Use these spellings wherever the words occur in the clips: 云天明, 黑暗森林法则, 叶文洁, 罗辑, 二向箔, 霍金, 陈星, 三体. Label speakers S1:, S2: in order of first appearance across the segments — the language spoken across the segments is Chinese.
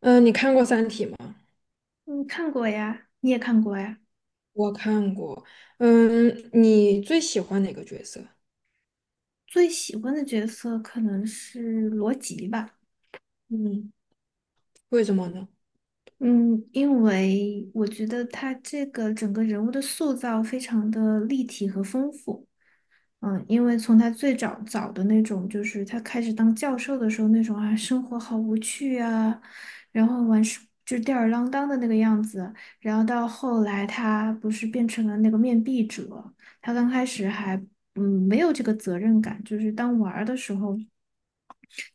S1: 嗯，你看过《三体》吗？
S2: 嗯，看过呀，你也看过呀。
S1: 我看过。你最喜欢哪个角色？
S2: 最喜欢的角色可能是罗辑吧，
S1: 嗯为什么呢？
S2: 嗯，因为我觉得他这个整个人物的塑造非常的立体和丰富。因为从他最早的那种，就是他开始当教授的时候那种啊，生活好无趣啊，然后完事就吊儿郎当的那个样子，然后到后来他不是变成了那个面壁者，他刚开始还没有这个责任感，就是当玩儿的时候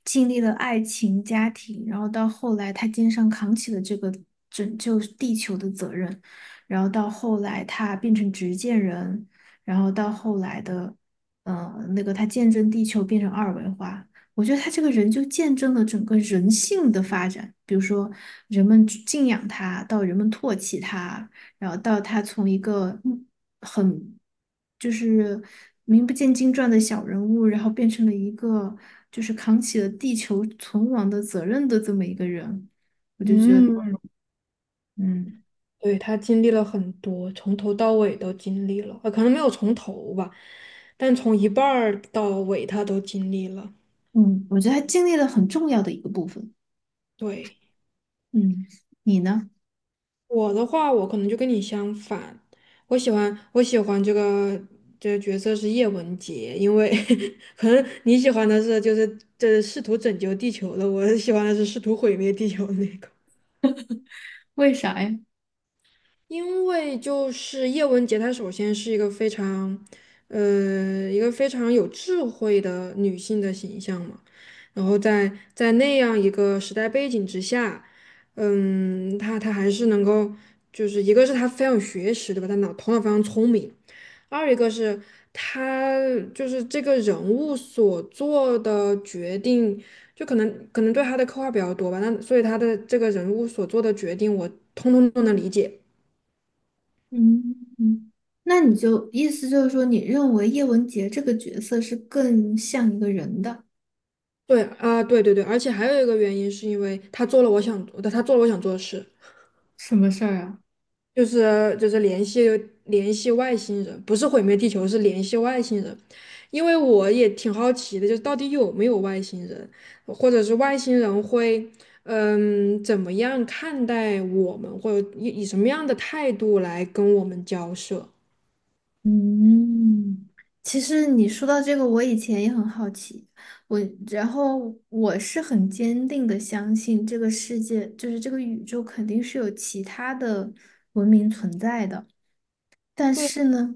S2: 经历了爱情、家庭，然后到后来他肩上扛起了这个拯救地球的责任，然后到后来他变成执剑人，然后到后来的，那个他见证地球变成二维化。我觉得他这个人就见证了整个人性的发展，比如说人们敬仰他，到人们唾弃他，然后到他从一个很就是名不见经传的小人物，然后变成了一个就是扛起了地球存亡的责任的这么一个人，我就觉得，
S1: 嗯，
S2: 嗯
S1: 对，他经历了很多，从头到尾都经历了，可能没有从头吧，但从一半儿到尾他都经历了。
S2: 嗯，我觉得他经历了很重要的一个部分。
S1: 对，
S2: 嗯，你呢？
S1: 我的话，我可能就跟你相反，我喜欢这个角色是叶文洁，因为 可能你喜欢的是就是这试图拯救地球的，我喜欢的是试图毁灭地球的那个。
S2: 为啥呀？
S1: 因为就是叶文洁，她首先是一个非常有智慧的女性的形象嘛。然后在那样一个时代背景之下，她还是能够，就是一个是她非常有学识，对吧？她头脑非常聪明。二一个是她就是这个人物所做的决定，就可能对她的刻画比较多吧。那所以她的这个人物所做的决定，我通通都能理解。
S2: 嗯嗯，那你就意思就是说，你认为叶文洁这个角色是更像一个人的？
S1: 对啊，对对对，而且还有一个原因是因为他做了我想做的事，
S2: 什么事儿啊？
S1: 就是联系外星人，不是毁灭地球，是联系外星人。因为我也挺好奇的，就是到底有没有外星人，或者是外星人会怎么样看待我们，或者以什么样的态度来跟我们交涉？
S2: 嗯，其实你说到这个，我以前也很好奇，我然后我是很坚定的相信这个世界，就是这个宇宙肯定是有其他的文明存在的，但
S1: 对，
S2: 是呢，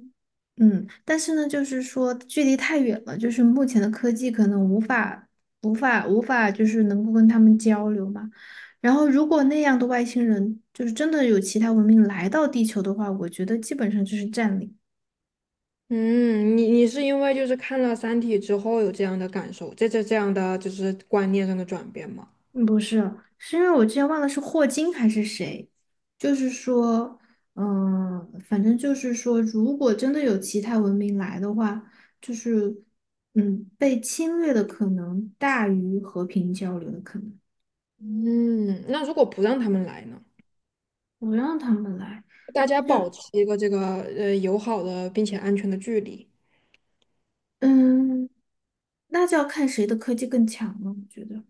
S2: 但是呢，就是说距离太远了，就是目前的科技可能无法就是能够跟他们交流嘛。然后，如果那样的外星人就是真的有其他文明来到地球的话，我觉得基本上就是占领。
S1: 嗯，你是因为就是看了《三体》之后有这样的感受，这样的就是观念上的转变吗？
S2: 嗯不是，是因为我之前忘了是霍金还是谁，就是说，反正就是说，如果真的有其他文明来的话，就是，被侵略的可能大于和平交流的可能，
S1: 嗯，那如果不让他们来呢？
S2: 不让他们来，
S1: 大家保
S2: 就，
S1: 持一个这个友好的并且安全的距离。
S2: 嗯，那就要看谁的科技更强了，我觉得。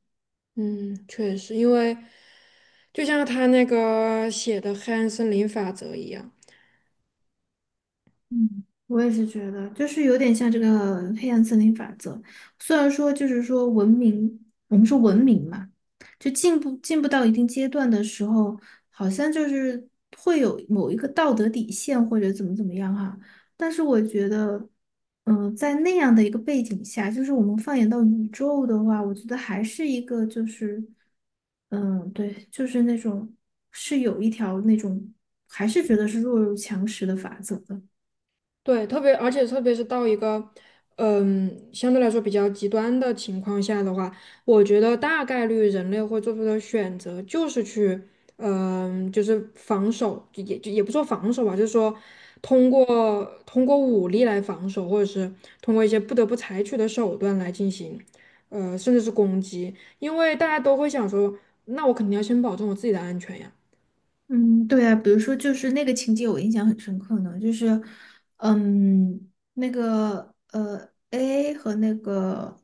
S1: 嗯，确实，因为就像他那个写的《黑暗森林法则》一样。
S2: 嗯，我也是觉得，就是有点像这个黑暗森林法则。虽然说，就是说文明，我们说文明嘛，就进步进步到一定阶段的时候，好像就是会有某一个道德底线或者怎么怎么样哈。但是我觉得，在那样的一个背景下，就是我们放眼到宇宙的话，我觉得还是一个就是，嗯，对，就是那种是有一条那种，还是觉得是弱肉强食的法则的。
S1: 对，特别而且特别是到一个，相对来说比较极端的情况下的话，我觉得大概率人类会做出的选择就是去，就是防守，就也不说防守吧，就是说通过通过武力来防守，或者是通过一些不得不采取的手段来进行，甚至是攻击，因为大家都会想说，那我肯定要先保证我自己的安全呀。
S2: 嗯，对啊，比如说就是那个情节我印象很深刻呢，就是，那个AA 和那个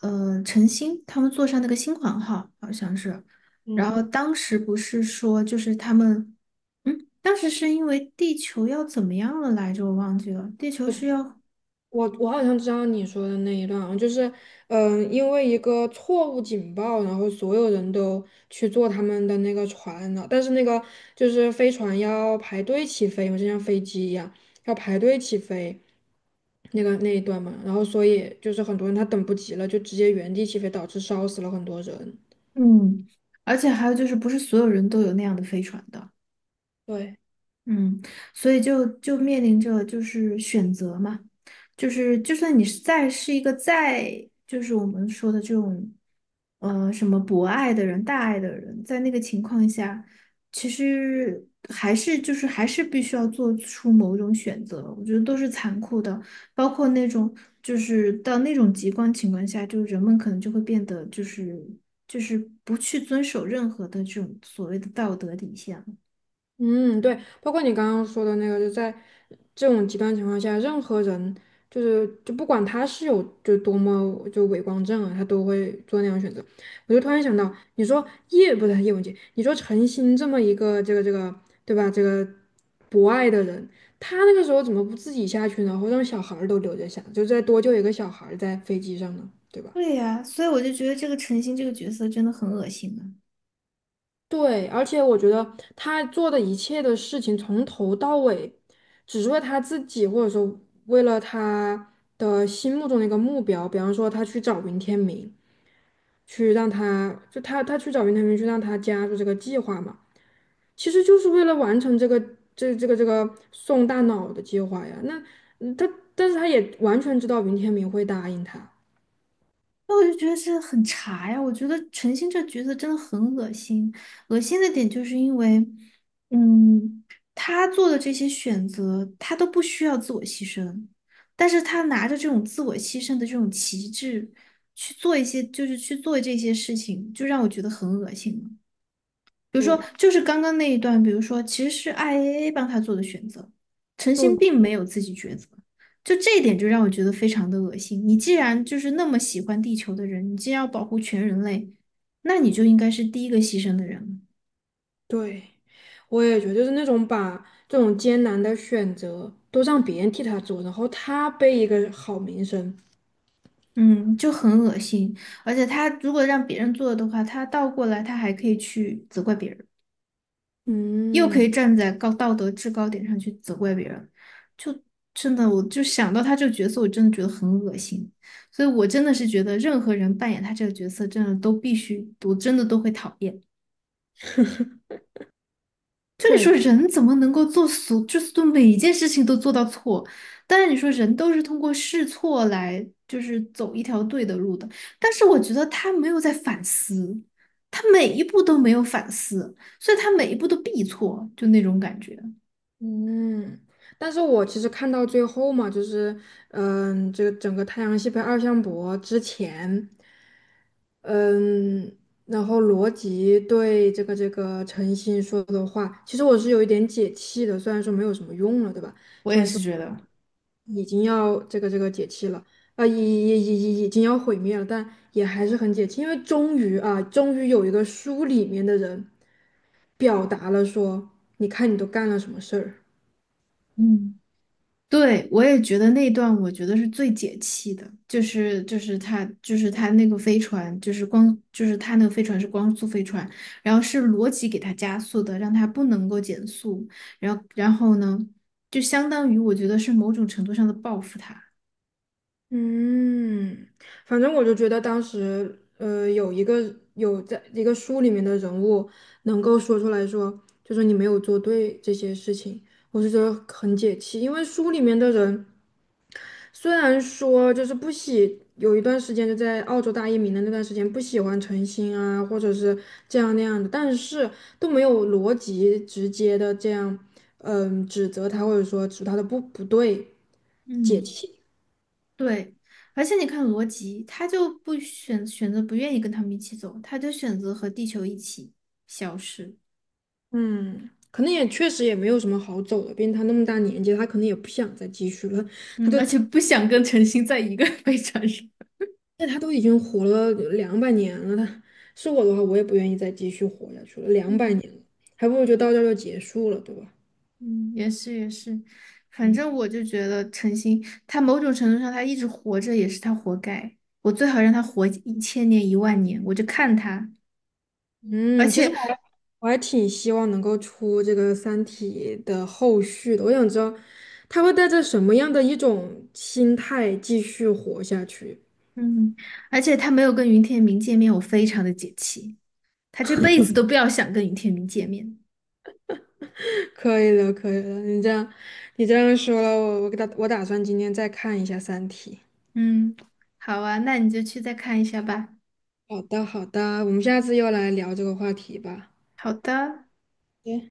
S2: 陈星他们坐上那个新款号，好像是，然后当时不是说就是他们，当时是因为地球要怎么样了来着，我忘记了，地球是要，
S1: 我好像知道你说的那一段啊，就是，因为一个错误警报，然后所有人都去坐他们的那个船了，但是那个就是飞船要排队起飞嘛，就像飞机一样要排队起飞，那个那一段嘛，然后所以就是很多人他等不及了，就直接原地起飞，导致烧死了很多人。
S2: 嗯，而且还有就是不是所有人都有那样的飞船的。
S1: 对。
S2: 嗯，所以就面临着就是选择嘛，就是就算你是再是一个再就是我们说的这种，什么博爱的人、大爱的人，在那个情况下，其实还是就是还是必须要做出某种选择，我觉得都是残酷的，包括那种就是到那种极端情况下，就是人们可能就会变得就是不去遵守任何的这种所谓的道德底线了。
S1: 嗯，对，包括你刚刚说的那个，就在这种极端情况下，任何人就是就不管他是有就多么就伪光正啊，他都会做那样的选择。我就突然想到，你说叶不是叶文洁，你说陈星这么一个这个对吧，这个博爱的人，他那个时候怎么不自己下去呢？或者让小孩儿都留着下，就再多救一个小孩儿在飞机上呢，对吧？
S2: 对呀，所以我就觉得这个陈星这个角色真的很恶心啊！
S1: 对，而且我觉得他做的一切的事情，从头到尾，只是为他自己，或者说为了他的心目中的一个目标。比方说，他去找云天明，去让他就他他去找云天明，去让他加入这个计划嘛，其实就是为了完成这个这个送大脑的计划呀。那嗯他但是他也完全知道云天明会答应他。
S2: 那我就觉得这很茶呀，我觉得陈星这角色真的很恶心。恶心的点就是因为，嗯，他做的这些选择，他都不需要自我牺牲，但是他拿着这种自我牺牲的这种旗帜去做一些，就是去做这些事情，就让我觉得很恶心了。比如说，
S1: 对，
S2: 就是刚刚那一段，比如说，其实是 IAA 帮他做的选择，陈星并没有自己抉择，就这一点就让我觉得非常的恶心。你既然就是那么喜欢地球的人，你既然要保护全人类，那你就应该是第一个牺牲的人。
S1: 对，我也觉得就是那种把这种艰难的选择都让别人替他做，然后他背一个好名声。
S2: 嗯，就很恶心。而且他如果让别人做的话，他倒过来他还可以去责怪别人。又可以
S1: 嗯，
S2: 站在高道德制高点上去责怪别人，就真的，我就想到他这个角色，我真的觉得很恶心。所以我真的是觉得，任何人扮演他这个角色，真的都必须，我真的都会讨厌。就你
S1: 确
S2: 说
S1: 实，
S2: 人怎么能够做所，就是做每一件事情都做到错？当然你说人都是通过试错来，就是走一条对的路的。但是我觉得他没有在反思，他每一步都没有反思，所以他每一步都必错，就那种感觉。
S1: 嗯。但是我其实看到最后嘛，就是这个整个太阳系被二向箔之前，嗯，然后罗辑对这个陈星说的话，其实我是有一点解气的，虽然说没有什么用了，对吧？
S2: 我也是觉得。
S1: 已经要这个解气了，啊，已经要毁灭了，但也还是很解气，因为终于啊，终于有一个书里面的人表达了说，你看你都干了什么事儿。
S2: 嗯，对，我也觉得那段我觉得是最解气的，就是他那个飞船，就是光就是他那个飞船是光速飞船，然后是罗辑给他加速的，让他不能够减速，然后呢，就相当于我觉得是某种程度上的报复他。
S1: 嗯，反正我就觉得当时，有一个有在一个书里面的人物能够说出来说，就说你没有做对这些事情，我是觉得很解气，因为书里面的人。虽然说就是不喜，有一段时间就在澳洲大移民的那段时间不喜欢陈星啊，或者是这样那样的，但是都没有逻辑直接的这样，指责他或者说指他的不对，解
S2: 嗯，
S1: 气。
S2: 对，而且你看罗辑，他就不选择不愿意跟他们一起走，他就选择和地球一起消失，
S1: 嗯，可能也确实也没有什么好走的，毕竟他那么大年纪，他可能也不想再继续了。他
S2: 嗯，
S1: 都，
S2: 而且不想跟陈星在一个 飞船上。
S1: 那他都已经活了两百年了，是我的话，我也不愿意再继续活下去了，两百
S2: 嗯。
S1: 年了，还不如就到这儿就结束了，对吧？
S2: 嗯，也是也是，反正我就觉得陈星，他某种程度上他一直活着也是他活该。我最好让他活1000年10000年，我就看他。而
S1: 嗯，其实
S2: 且，
S1: 我还挺希望能够出这个《三体》的后续的。我想知道他会带着什么样的一种心态继续活下去。
S2: 嗯，而且他没有跟云天明见面，我非常的解气。他这辈子都不要想跟云天明见面。
S1: 可以了，可以了，你这样说了，我我给他我打算今天再看一下《三体》。
S2: 嗯，好啊，那你就去再看一下吧。
S1: 好的，好的，我们下次又来聊这个话题吧。
S2: 好的。
S1: 对。